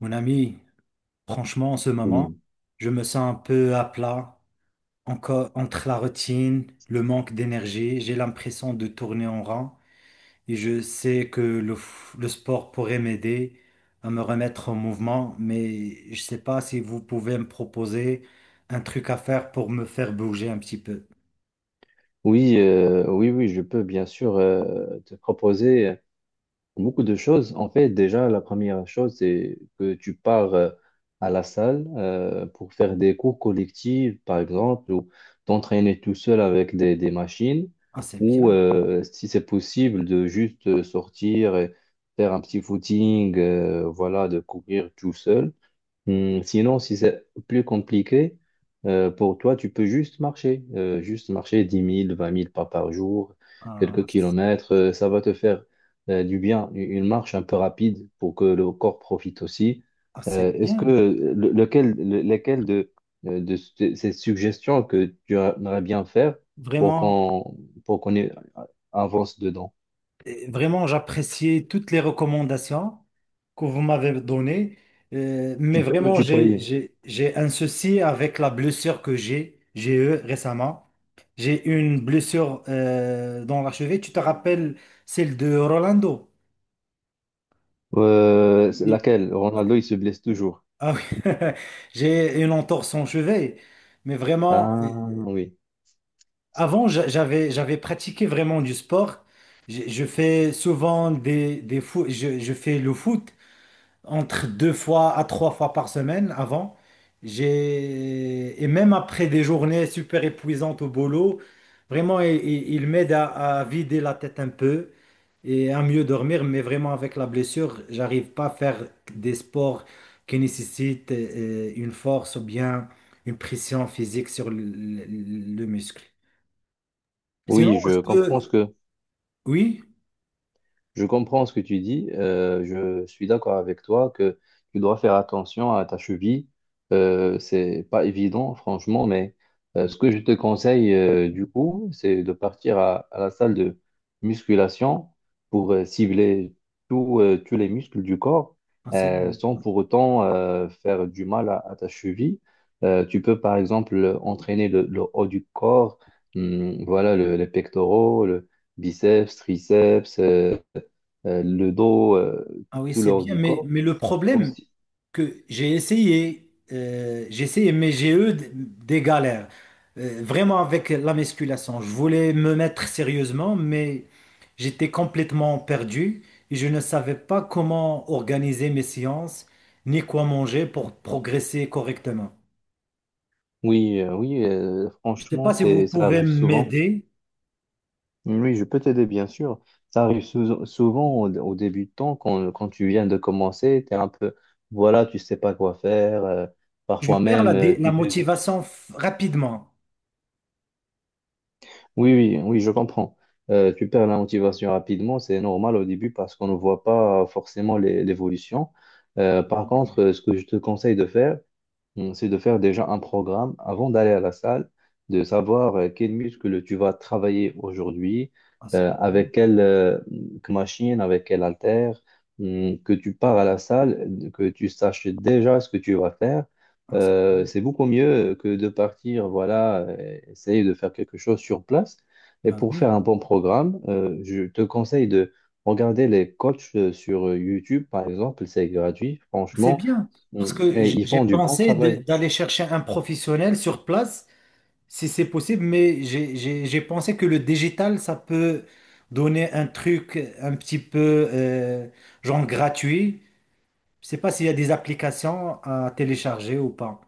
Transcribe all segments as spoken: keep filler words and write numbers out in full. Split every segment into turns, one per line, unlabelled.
Mon ami, franchement, en ce moment,
Oui,
je me sens un peu à plat, encore entre la routine, le manque d'énergie. J'ai l'impression de tourner en rond et je sais que le, f- le sport pourrait m'aider à me remettre en mouvement, mais je ne sais pas si vous pouvez me proposer un truc à faire pour me faire bouger un petit peu.
oui, euh, oui, oui, je peux bien sûr euh, te proposer beaucoup de choses. En fait, déjà, la première chose, c'est que tu pars euh, à la salle euh, pour faire des cours collectifs, par exemple, ou t'entraîner tout seul avec des, des machines,
Ah, c'est
ou
bien.
euh, si c'est possible, de juste euh, sortir et faire un petit footing, euh, voilà, de courir tout seul. Hmm, Sinon, si c'est plus compliqué, euh, pour toi, tu peux juste marcher, euh, juste marcher dix mille, vingt mille pas par jour,
Ah,
quelques
c'est
kilomètres, euh, ça va te faire euh, du bien, une une marche un peu rapide pour que le corps profite aussi.
ah, c'est
Euh, est-ce que
bien.
euh, le- lequel, le- lesquelles de, euh, de ces ces suggestions que tu aimerais bien faire pour
Vraiment.
qu'on pour qu'on ait- euh, avance dedans?
Et Vraiment, j'appréciais toutes les recommandations que vous m'avez données. Euh, mais
Tu peux me
vraiment, j'ai,
tutoyer.
j'ai, j'ai un souci avec la blessure que j'ai, j'ai eue récemment. J'ai eu une blessure euh, dans la cheville. Tu te rappelles celle de Rolando?
Euh, c'est
Oui.
laquelle? Ronaldo, il se blesse toujours.
Ah oui. J'ai une entorse en cheville. Mais vraiment, euh,
Ah oui.
avant, j'a- j'avais, j'avais pratiqué vraiment du sport. Je, je fais souvent des, des foot, je, je fais le foot, entre deux fois à trois fois par semaine avant. J'ai, et même après des journées super épuisantes au boulot, vraiment, il, il- il m'aide à, à vider la tête un peu et à mieux dormir. Mais vraiment, avec la blessure, j'arrive pas à faire des sports qui nécessitent euh, une force ou bien une pression physique sur le, le- le muscle. Sinon,
Oui,
je
je comprends ce
peux...
que,
Oui,
je comprends ce que tu dis. Euh, je suis d'accord avec toi que tu dois faire attention à ta cheville. Euh, c'est pas évident, franchement, mais euh, ce que je te conseille euh, du coup, c'est de partir à, à la salle de musculation pour euh, cibler tout, euh, tous les muscles du corps
ah, c'est-
euh, sans pour autant euh, faire du mal à, à ta cheville. Euh, tu peux par exemple entraîner le, le haut du corps, hum, voilà, le- les pectoraux, le biceps, triceps. Euh, euh, le dos, euh,
ah oui,
tout le
c'est
haut
bien,
du
mais,
corps
mais le problème,
aussi.
que j'ai essayé, euh, j'ai essayé, mais j'ai eu d- des galères. Euh, vraiment avec la musculation. Je voulais me mettre sérieusement, mais j'étais complètement perdu et je ne savais pas comment organiser mes séances ni quoi manger pour progresser correctement.
Oui, euh, oui, euh,
Je ne sais
franchement,
pas si
c'est,
vous
ça
pouvez
arrive souvent.
m'aider.
Oui, je peux t'aider, bien sûr. Ça arrive sou- souvent au, au début de temps, quand, quand tu viens de commencer, tu es un peu, voilà, tu sais pas quoi faire. Euh,
Je
parfois
perds la,
même, euh,
dé- la
tu te dis,
motivation f- rapidement.
oui, oui, oui, je comprends. Euh, tu perds la motivation rapidement, c'est normal au début parce qu'on ne voit pas forcément l'é- l'évolution. Euh, par contre, euh, ce que je te conseille de faire, Mm, c'est de faire déjà un programme avant d'aller à la salle, de savoir euh, quel muscle tu vas travailler aujourd'hui,
Ah, c'est
euh,
bien.
avec quelle euh, machine, avec quel haltère, mm, que tu pars à la salle, que tu saches déjà ce que tu vas faire.
Ah, c'est
Euh,
bien.
c'est beaucoup mieux que de partir, voilà, euh, essayer de faire quelque chose sur place. Et
Ah
pour faire
oui.
un bon programme, euh, je te conseille de regarder les coachs euh, sur YouTube, par exemple, c'est gratuit,
C'est
franchement,
bien.
Mm,
Parce que
et
j-
ils
j'ai
font du bon
pensé de-
travail.
d'aller chercher un professionnel sur place si c'est possible, mais j'ai j'ai- j'ai pensé que le digital, ça peut donner un truc un petit peu euh, genre gratuit. Je sais pas s'il y a des applications à télécharger ou pas.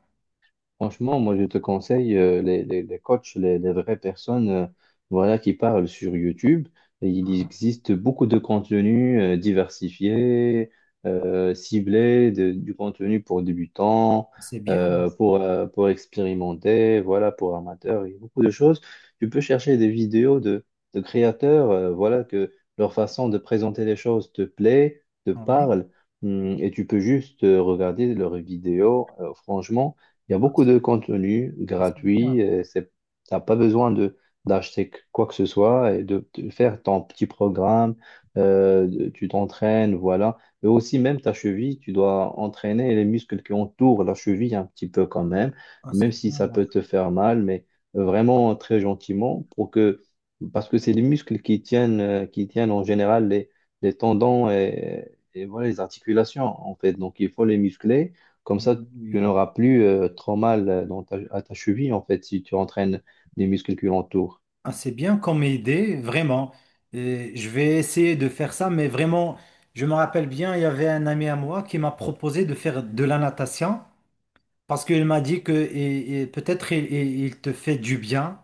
Franchement, moi, je te conseille euh, les, les, les coachs, les, les vraies personnes euh, voilà, qui parlent sur YouTube. Et il
Ah,
existe beaucoup de contenus euh, diversifiés, euh, ciblés, de- du contenu pour débutants,
c'est bien, là.
euh, pour, euh, pour expérimenter, voilà, pour amateurs. Il y a beaucoup de choses. Tu peux chercher des vidéos de, de créateurs, euh, voilà, que leur façon de présenter les choses te plaît, te
Ah oui.
parle, hum, et tu peux juste euh, regarder leurs vidéos. Euh, franchement, il y a beaucoup de contenu
Ah, c'est bien.
gratuit. Euh, C'est, t'as pas besoin de d'acheter quoi que ce soit et de, de faire ton petit programme. Euh, de- tu t'entraînes, voilà. Mais aussi même ta cheville, tu dois entraîner les muscles qui entourent la cheville un petit peu quand même,
Ah,
même
c'est
si
bien,
ça
là.
peut te faire mal, mais vraiment très gentiment pour que parce que c'est les muscles qui tiennent euh, qui tiennent en général les, les tendons et, et voilà les articulations en fait. Donc il faut les muscler. Comme
Ah
ça, tu
oui.
n'auras plus euh, trop mal euh, dans ta- à ta cheville, en fait, si tu entraînes les muscles qui l'entourent.
Ah, c'est bien comme idée, vraiment. Et je vais essayer de faire ça, mais vraiment, je me rappelle bien, il y avait un ami à moi qui m'a proposé de faire de la natation. Parce qu'il m'a dit que et- et peut-être il, il- il te fait du bien.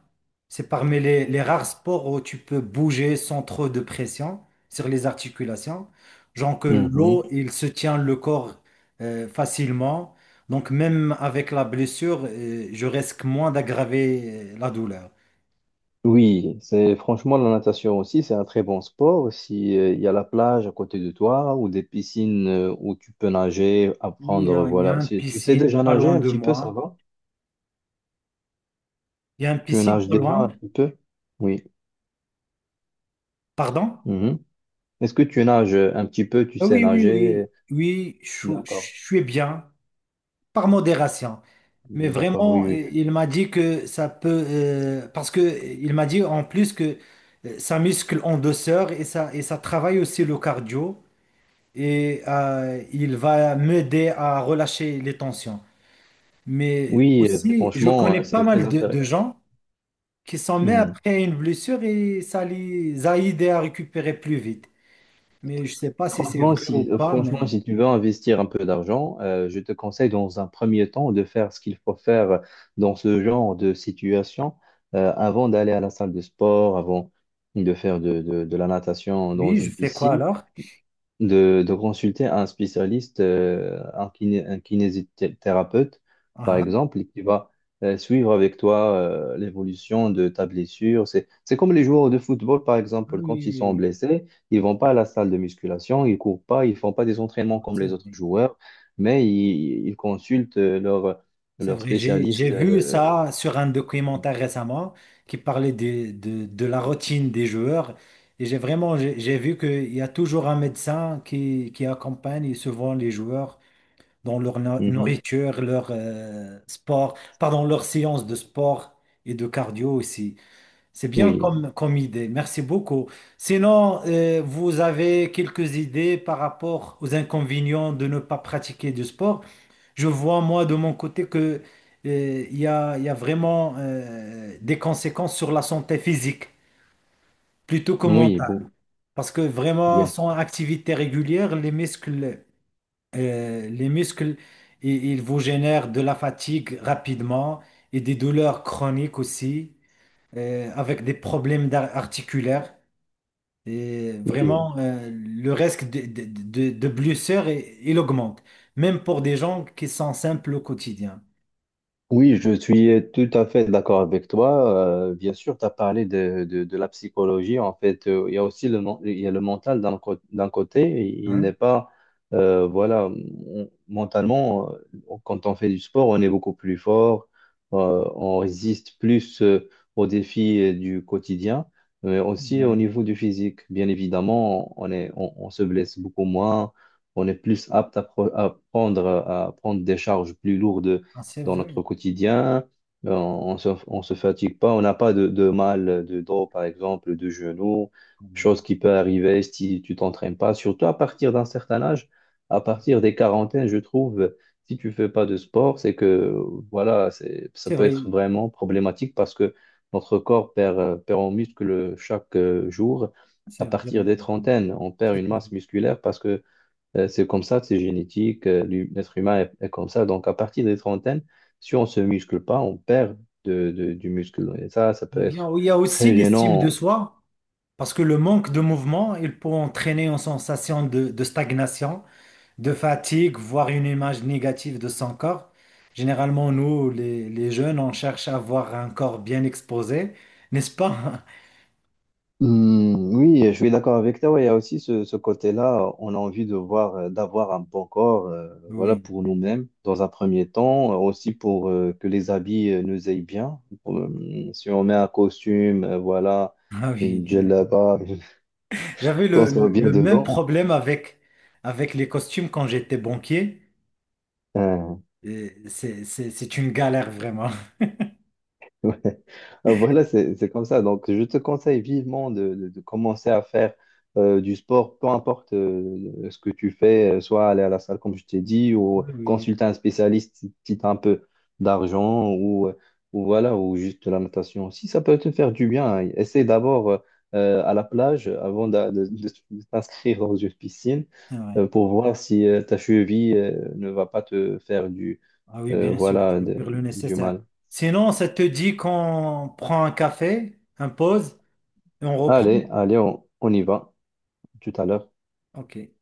C'est parmi les, les rares sports où tu peux bouger sans trop de pression sur les articulations. Genre que l'eau,
Mhm.
il se tient le corps euh, facilement. Donc même avec la blessure, euh, je risque moins d'aggraver euh, la douleur.
Oui, c'est franchement la natation aussi, c'est un très bon sport. Si euh, il y a la plage à côté de toi ou des piscines euh, où tu peux nager,
Oui,
apprendre,
euh, il y a
voilà.
une
Si tu sais
piscine
déjà
pas
nager
loin
un
de
petit peu, ça
moi.
va?
Il y a une
Tu
piscine
nages
pas
déjà
loin.
un petit peu? Oui.
Pardon?
Mhm. Est-ce que tu nages un petit peu, tu
Ah
sais
oui, oui, oui.
nager?
Oui, je
D'accord.
je suis bien. Par modération. Mais
D'accord,
vraiment,
oui,
euh,
oui.
il m'a dit que ça peut, euh, parce que euh, il m'a dit en plus que euh, ça muscle en douceur et ça, et ça travaille aussi le cardio et euh, il va m'aider à relâcher les tensions. Mais
Oui, euh,
aussi, je
franchement,
connais
euh,
pas
c'est très
mal de,
intéressant.
de gens qui s'en mettent
Mmh.
après une blessure et ça les a aidés à récupérer plus vite. Mais je sais pas si c'est
Franchement,
vrai ou
si, euh,
pas,
franchement,
mais
si tu veux investir un peu d'argent, euh, je te conseille dans un premier temps de faire ce qu'il faut faire dans ce genre de situation euh, avant d'aller à la salle de sport, avant de faire de, de- de la natation dans
oui, je
une
fais quoi
piscine
alors?
de, de consulter un spécialiste, euh, un kiné- un kinésithérapeute, par
Ah, ah,
exemple, et qui va euh, suivre avec toi euh, l'évolution de ta blessure. C'est, c'est comme les joueurs de football, par exemple,
oui,
quand ils sont
oui,
blessés, ils vont pas à la salle de musculation, ils courent pas, ils font pas des entraînements comme les autres
oui.
joueurs, mais ils, ils consultent euh, leur,
C'est
leur
vrai, j'ai, j'ai
spécialiste.
vu
Euh,
ça sur un
oui.
documentaire récemment qui parlait de, de, de la routine des joueurs. Et j'ai vraiment, j'ai j'ai vu qu'il y a toujours un médecin qui, qui accompagne souvent les joueurs dans leur no-
Mhm.
nourriture, leur euh, sport, pardon, leur séance de sport et de cardio aussi. C'est bien
Oui,
comme, comme idée. Merci beaucoup. Sinon, euh, vous avez quelques idées par rapport aux inconvénients de ne pas pratiquer du sport? Je vois, moi, de mon côté, que, euh, il y a, il y a vraiment euh, des conséquences sur la santé physique plutôt que
oui, bon,
mentale. Parce que vraiment,
bien.
sans activité régulière, les muscles, euh, les muscles, i- ils vous génèrent de la fatigue rapidement et des douleurs chroniques aussi, euh, avec des problèmes d'ar- articulaires. Et
Oui.
vraiment, euh, le risque de, de, de, de blessures, il il augmente, même pour des gens qui sont simples au quotidien.
Oui, je suis tout à fait d'accord avec toi. Euh, bien sûr, tu as parlé de, de, de la psychologie. En fait, euh, il y a aussi le, men- il y a le mental d'un co- d'un côté. Il n'est
Hein?
pas, euh, voilà, on- mentalement, euh, quand on fait du sport, on est beaucoup plus fort. Euh, on résiste plus euh, aux défis euh, du quotidien, mais aussi au
Ouais.
niveau du physique. Bien évidemment, on est, on, on se blesse beaucoup moins. On est plus apte à, pro- à prendre, à prendre des charges plus lourdes
Ah, c'est
dans
vrai.
notre quotidien. Euh, On se, on se fatigue pas, on n'a pas de, de mal de dos, par exemple, de genoux, chose qui peut arriver si tu t'entraînes pas, surtout à partir d'un certain âge, à partir des quarantaines, je trouve, si tu fais pas de sport, c'est que, voilà, c'est, ça
C'est
peut
vrai,
être vraiment problématique parce que notre corps perd, euh, perd en muscle chaque euh, jour. À
c'est
partir
vrai.
des trentaines, on perd
C'est
une masse musculaire parce que euh, c'est comme ça, c'est génétique, euh, l'hu- l'être humain est, est comme ça. Donc, à partir des trentaines, si on se muscle pas, on perd de, de- du muscle. Et ça, ça peut
bien.
être
Oui, il y a aussi
très
l'estime de
gênant.
soi, parce que le manque de mouvement, il peut entraîner une sensation de, de stagnation, de fatigue, voire une image négative de son corps. Généralement, nous, les, les jeunes, on cherche à avoir un corps bien exposé, n'est-ce pas?
Hmm, oui, je suis d'accord avec toi. Ouais, il y a aussi ce, ce côté-là, on a envie de voir, euh, d'avoir un bon corps, euh, voilà,
Oui,
pour nous-mêmes, dans un premier temps, euh, aussi pour euh, que les habits euh, nous aillent bien. Euh, Si on met un costume, euh, voilà,
ah
une
oui.
djellaba,
J'avais
qu'on
le,
soit
le-
bien
le même
dedans.
problème avec, avec les costumes quand j'étais banquier.
euh,
Et C'est c'est- c'est une galère vraiment.
Ouais. Euh, Voilà, c'est c'est comme ça. Donc, je te conseille vivement de, de- de commencer à faire euh, du sport, peu importe euh, ce que tu fais, euh, soit aller à la salle, comme je t'ai dit, ou
Oui, oui, oui,
consulter un spécialiste si tu as un peu d'argent, ou, euh, ou voilà, ou juste de la natation aussi. Ça peut te faire du bien, hein. Essaie d'abord euh, euh, à la plage euh, avant d'a- de, de- de t'inscrire dans une piscine
c'est vrai.
euh, pour voir si euh, ta cheville euh, ne va pas te faire du,
Ah oui,
euh,
bien sûr, je
voilà,
vais
de-
faire le
du
nécessaire.
mal.
Sinon, ça te dit qu'on prend un café, un pause, et on reprend.
Allez, allez, on, on y va tout à l'heure.
Ok.